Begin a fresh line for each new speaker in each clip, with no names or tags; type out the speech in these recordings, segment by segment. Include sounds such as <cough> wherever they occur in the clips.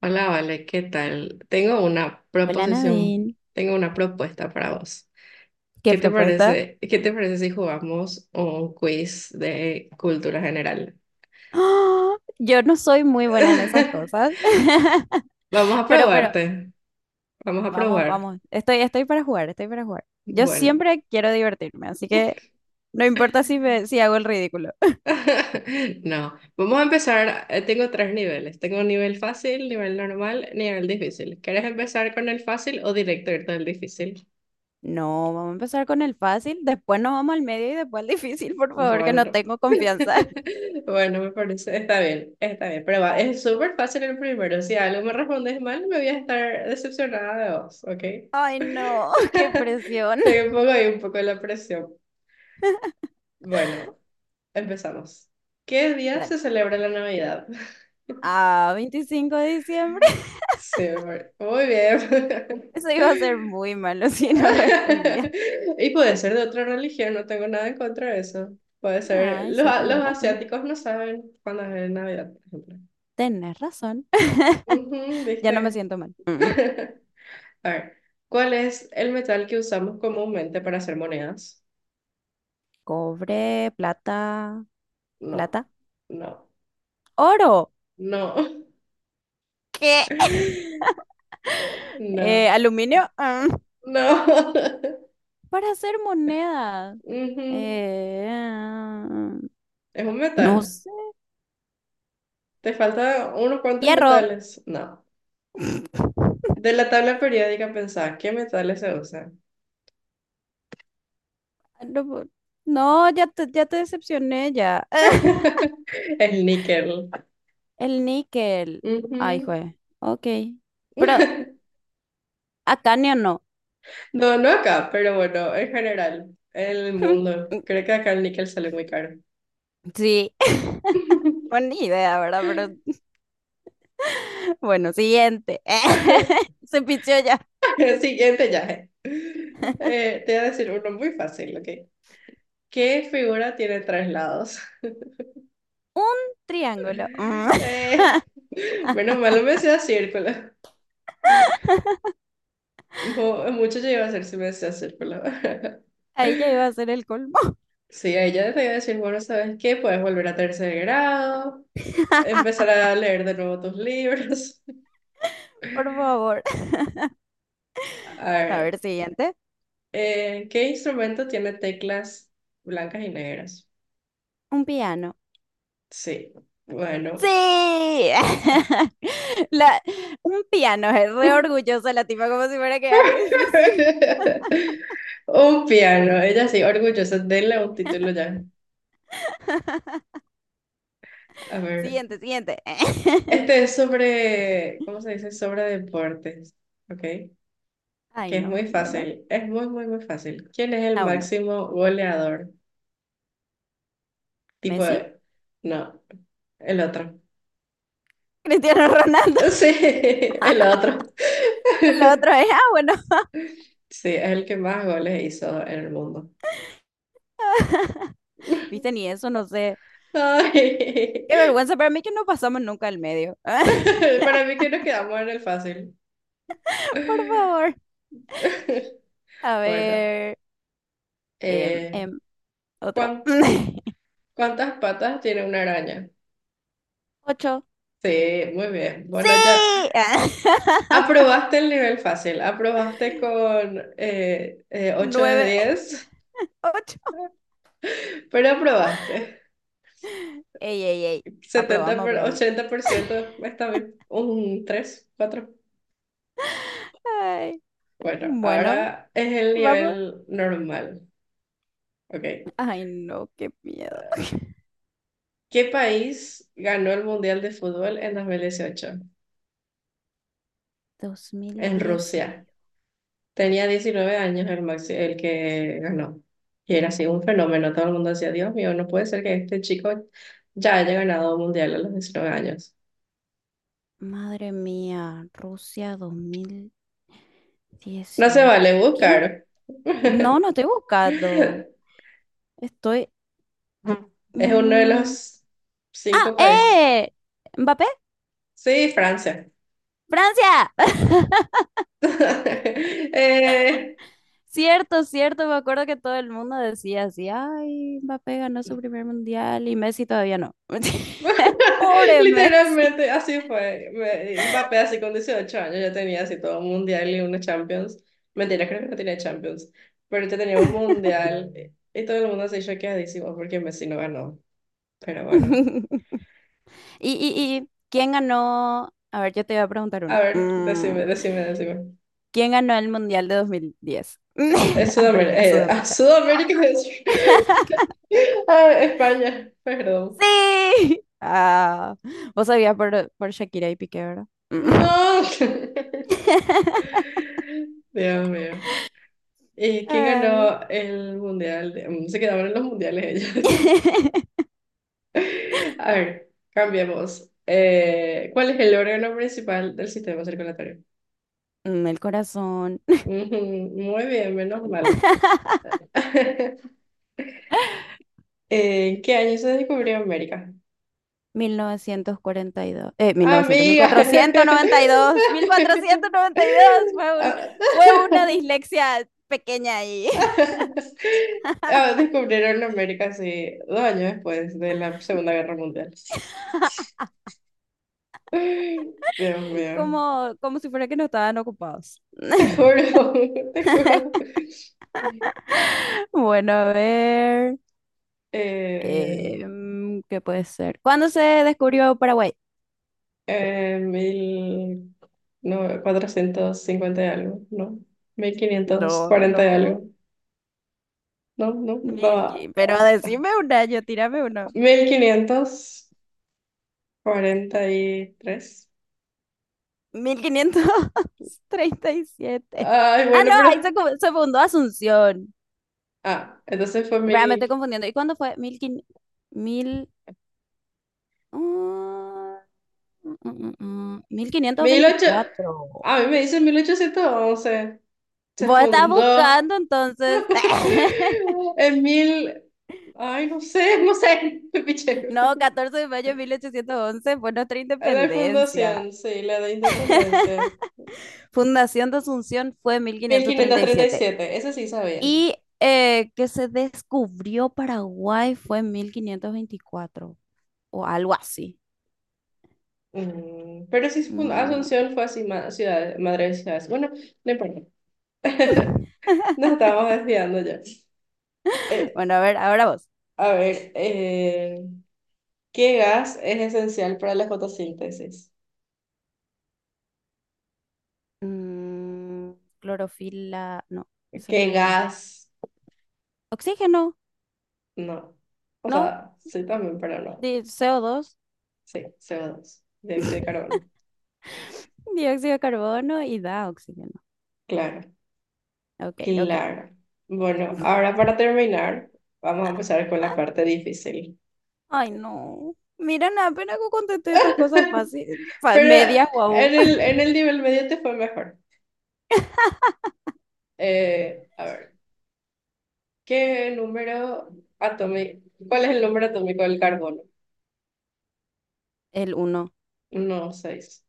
Hola, Vale, ¿qué tal? Tengo una
Hola
proposición,
Nadine,
tengo una propuesta para vos.
¿qué
¿Qué te
propuesta?
parece, qué te parece si jugamos un quiz de cultura general?
¡Ah! Yo no soy muy buena en esas cosas,
<laughs>
<laughs>
Vamos a
pero, pero,
probarte, vamos a
vamos,
probar.
vamos, estoy para jugar, estoy para jugar. Yo
Bueno,
siempre quiero divertirme, así que no importa si hago el ridículo.
<laughs> no, vamos a empezar, tengo tres niveles, tengo un nivel fácil, nivel normal, nivel difícil. ¿Quieres empezar con el fácil o directo irte al difícil?
No, vamos a empezar con el fácil, después nos vamos al medio y después al difícil, por favor, que no
Bueno,
tengo confianza.
<laughs>
<laughs>
bueno, me parece, está bien, pero va, es súper fácil el primero. Si algo me respondes mal, me voy a estar decepcionada de vos, ¿ok?
Ay, no, <laughs> qué
<laughs>
presión.
Te pongo ahí un poco la presión. Bueno, empezamos. ¿Qué día
Dale.
se celebra la Navidad? <laughs>
Ah, 25 de diciembre.
Sí, amor. Muy bien.
<laughs> Eso iba a ser muy malo <laughs> si no respondía.
<laughs> Y puede ser de otra religión, no tengo nada en contra de eso. Puede ser,
Ay,
los,
sí, tenés
los
razón.
asiáticos no saben cuándo es Navidad, por ejemplo.
Tenés razón. <laughs>
Ujú,
Ya no me
¿viste?
siento mal. Mm.
<laughs> A ver, ¿cuál es el metal que usamos comúnmente para hacer monedas?
Cobre, plata,
No,
plata,
no,
oro.
no,
¿Qué?
<laughs> no,
Aluminio.
no.
Para hacer moneda.
<laughs> Ujú.
Eh, ah,
Es un
no
metal.
sé.
Te faltan unos cuantos
Hierro.
metales. No.
<laughs>
De la tabla periódica pensá, ¿qué metales se usan?
No, no, ya te decepcioné ya. <laughs>
<laughs> El níquel.
El níquel. Ay,
Ujú.
jue. Ok. Pero
<laughs>
acanio no.
No, no acá, pero bueno, en general, en el mundo.
<laughs>
Creo que acá el níquel sale muy caro.
Sí. <laughs>
<laughs>
Buena idea, ¿verdad? Pero <laughs> bueno, siguiente. <laughs> Se pichó ya.
El siguiente ya. Te voy a decir uno muy fácil, ¿ok? ¿Qué figura tiene tres lados?
Un triángulo. Mm.
<laughs>
<laughs>
Eh, menos mal no me decía círculo. Mucho yo iba a hacer si me decía círculo. <laughs>
Ahí ya iba a ser el colmo.
Sí, a ella te voy a decir, bueno, ¿sabes qué? Puedes volver a tercer grado,
<laughs>
empezar a leer de nuevo tus libros.
Por favor.
<laughs> A
A
ver,
ver, siguiente.
¿qué instrumento tiene teclas blancas y negras?
Un piano.
Sí, bueno.
Sí. <laughs> La, un piano. Es re
<laughs>
orgullosa la tipa, como si fuera que algo difícil. <laughs>
<laughs> Un piano, ella sí, orgullosa, denle un título ya. A ver,
Siguiente, siguiente. <laughs>
este es sobre, ¿cómo se dice? Sobre deportes, ¿ok?
Ay,
Que es
no.
muy
Bueno.
fácil, es muy, muy, muy fácil. ¿Quién es el
Ah, bueno.
máximo goleador? Tipo,
Messi.
no, el otro.
Cristiano Ronaldo. <laughs>
Sí, <laughs> el otro.
El otro
<laughs>
es, bueno.
Sí, es el que más goles hizo en el mundo.
<laughs> Viste, ni eso, no sé.
Ay,
Qué vergüenza para mí que no pasamos nunca al medio. <laughs>
<laughs> para mí que nos quedamos en el fácil.
Por favor.
<laughs>
A
Bueno,
ver. em,
Eh,
em, Otro.
¿cuán-
<laughs>
¿cuántas patas tiene una araña?
Ocho.
Sí, muy bien.
¡Sí!
Bueno, ya
<laughs>
aprobaste el nivel fácil. Aprobaste con 8 de
Nueve.
10,
Ocho.
<laughs> pero aprobaste.
Ey, ey, ey. Aprobamos, aprobamos.
80% está bien. Un 3 4.
Ay,
Bueno,
bueno,
ahora es el
vamos.
nivel normal. Ok.
Ay, no, qué miedo.
¿Qué país ganó el Mundial de Fútbol en 2018?
Dos mil
En
diez.
Rusia. Tenía 19 años el que ganó. Y era así un fenómeno. Todo el mundo decía, Dios mío, no puede ser que este chico ya haya ganado un mundial a los 19 años.
Madre mía, Rusia dos mil
No se
dieciocho.
vale
¿Quién?
buscar.
No, no estoy buscando.
<laughs>
Estoy.
Es uno de
mm,
los
¡Ah!
cinco países.
¡Eh! ¿Mbappé?
Sí, Francia.
¡Francia! <laughs>
<laughs> Eh,
Cierto, cierto, me acuerdo que todo el mundo decía así, ay, Mbappé ganó su primer mundial y Messi todavía no. <laughs>
<laughs>
Pobre Messi.
Literalmente así fue. Mbappé así con 18 años ya tenía así todo un mundial y una Champions. Mentira, creo que no tenía Champions, pero ya tenía un mundial y todo el mundo se choqueadísimo porque Messi no ganó. Pero
<laughs>
bueno,
¿Y, y, y quién ganó? A ver, yo te voy a preguntar
a
uno.
ver, decime, decime, decime.
¿Quién ganó el mundial de dos mil diez?
Es
<laughs>
Sudamérica,
África, Sudáfrica.
Sudamérica, <laughs> Ah, España, perdón.
Sí. Ah, vos sabías por Shakira y Piqué, ¿verdad? Mm.
No. <laughs>
<laughs>
Dios mío. ¿Y quién
Ay.
ganó el mundial? Se quedaban en los mundiales ellos.
<laughs>
A ver, cambiemos. ¿Cuál es el órgano principal del sistema circulatorio?
El corazón.
Ujú. Muy bien, menos mal.
<laughs>
<laughs> ¿En qué año se descubrió América?
1942, mil
Amiga.
cuatrocientos noventa y dos
<laughs> Ah,
fue una dislexia pequeña ahí.
<laughs> ah, descubrieron América, sí, 2 años después de la Segunda Guerra Mundial.
<laughs>
Dios mío,
Como, si fuera que no estaban ocupados.
te
<laughs>
juro, <laughs> te juro.
Bueno, a ver,
Eh,
¿qué puede ser? ¿Cuándo se descubrió Paraguay?
Mil no, 450 y algo, ¿no? Mil quinientos
No,
cuarenta y algo,
no,
¿no? No,
Milky,
no,
pero decime un año, tírame uno.
1543.
Mil quinientos treinta y siete.
Ay,
Ah,
bueno,
no, ahí
pero...
se, fundó Asunción.
Ah, entonces fue
Espera, me estoy
mil...
confundiendo. ¿Y cuándo fue? Mil, mm,
1800...
1524.
A mí me dice 1811. Se
Vos estás
fundó
buscando entonces. <laughs>
<laughs> en mil... Ay, no sé, no sé. <laughs> Me piché.
No, 14 de mayo de 1811 fue nuestra
La
independencia.
fundación, sí, la de independencia.
Fundación de Asunción fue mil
mil
quinientos
quinientos
treinta y
treinta y
siete.
siete eso sí sabía.
Y que se descubrió Paraguay fue 1524 o algo así.
Pero sí,
Mm.
Asunción fue así, ciudad, madre de ciudades. Bueno, no importa. <laughs>
<laughs>
Nos estamos desviando ya. Eh,
Bueno, a ver, ahora vos.
a ver, ¿qué gas es esencial para la fotosíntesis?
Mm, Clorofila. No, eso no es
¿Qué
un gas.
gas?
Oxígeno,
No. O
¿no?
sea, sí también, pero no.
Co dos,
Sí, CO2, dióxido de carbono.
dióxido de carbono y da oxígeno.
Claro,
Ok, ok.
claro. Bueno, ahora para terminar, vamos a empezar con la parte difícil.
Ay, no. Mira, nada, apenas que contesté estas cosas fáciles.
<laughs> Pero
Media, guau.
en el nivel medio te fue mejor. A ver, ¿qué número atómico? ¿Cuál es el número atómico del carbono?
El uno
No, seis.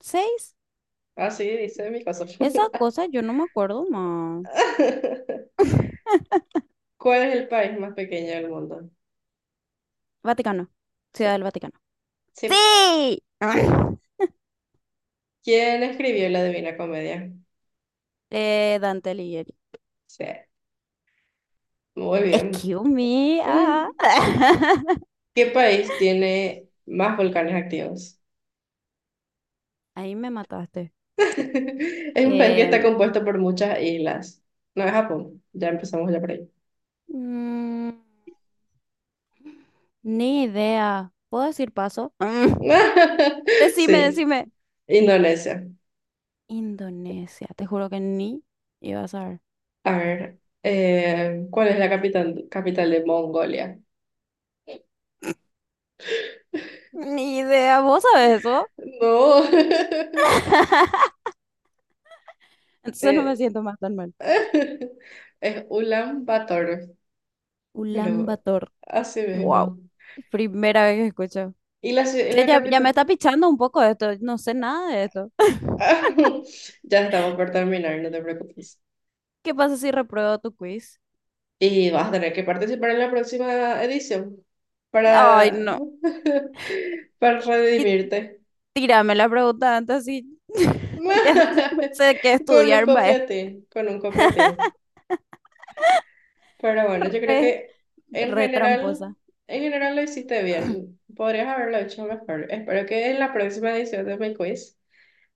6.
Ah, sí, dice mi caso.
Esa
<laughs>
cosa yo no me acuerdo más. <laughs>
¿Cuál es el país más pequeño del mundo?
Vaticano.
Sí.
Ciudad del Vaticano.
Sí.
¡Sí! <laughs>
¿Quién escribió la Divina Comedia?
Dante Alighieri.
Sí. Muy bien.
Excuse me. Ah.
Mm.
<laughs>
¿Qué país tiene más volcanes activos?
Ahí me mataste.
<laughs> Es un país que está
Eh,
compuesto por muchas islas. No es Japón. Ya empezamos ya por ahí.
mm, Ni idea. ¿Puedo decir paso?
<laughs>
Decime,
Sí,
decime.
Indonesia.
Indonesia. Te juro que ni iba a saber.
A ver, ¿cuál es la capital de Mongolia?
Ni idea. ¿Vos sabés eso?
No. <laughs>
Entonces no
Eh,
me siento más tan mal.
<laughs> es Ulan Bator,
Ulan
pero
Bator.
así
Wow.
mismo.
Primera vez que escucho.
¿Y
Che,
la
ya me
capital?
está pichando un poco esto. No sé nada de esto.
<laughs> Ya estamos por terminar, no te preocupes.
<laughs> ¿Qué pasa si repruebo tu quiz?
Y vas a tener que participar en la próxima edición
Ay,
para,
no.
<laughs> para
Y
redimirte.
tírame la pregunta antes y <laughs> ya sé,
<laughs>
qué
Con un
estudiar, mae.
copiatín, con un copiatín. Pero bueno, yo creo
Re,
que en
re
general,
tramposa.
en general lo hiciste bien. Podrías haberlo hecho mejor. Espero que en la próxima edición de mi quiz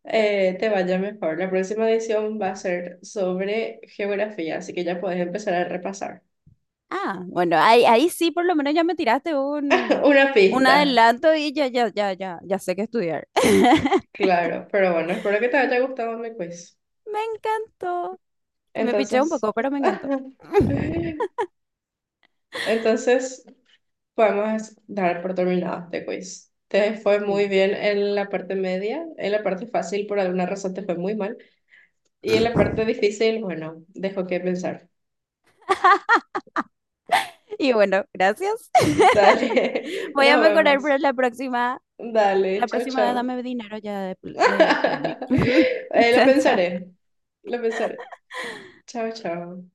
te vaya mejor. La próxima edición va a ser sobre geografía, así que ya puedes empezar a repasar.
Ah, bueno, ahí sí por lo menos ya me tiraste
<laughs>
un,
Una pista,
adelanto y ya sé qué estudiar. <laughs>
claro. Pero bueno, espero que te haya gustado mi quiz.
Me encantó. Me piché un
Entonces,
poco, pero me encantó.
<laughs> entonces podemos dar por terminado este quiz. Te fue muy bien
<laughs>
en la parte media, en la parte fácil por alguna razón te fue muy mal y en la parte difícil, bueno, dejo que pensar.
Y bueno, gracias. <laughs>
Dale, <laughs>
Voy a
nos
mejorar
vemos.
para
Dale,
la
chao,
próxima
chao.
dame dinero ya de premio.
<laughs>
<laughs>
Lo
Chao, chao.
pensaré, lo pensaré. Chao, chao.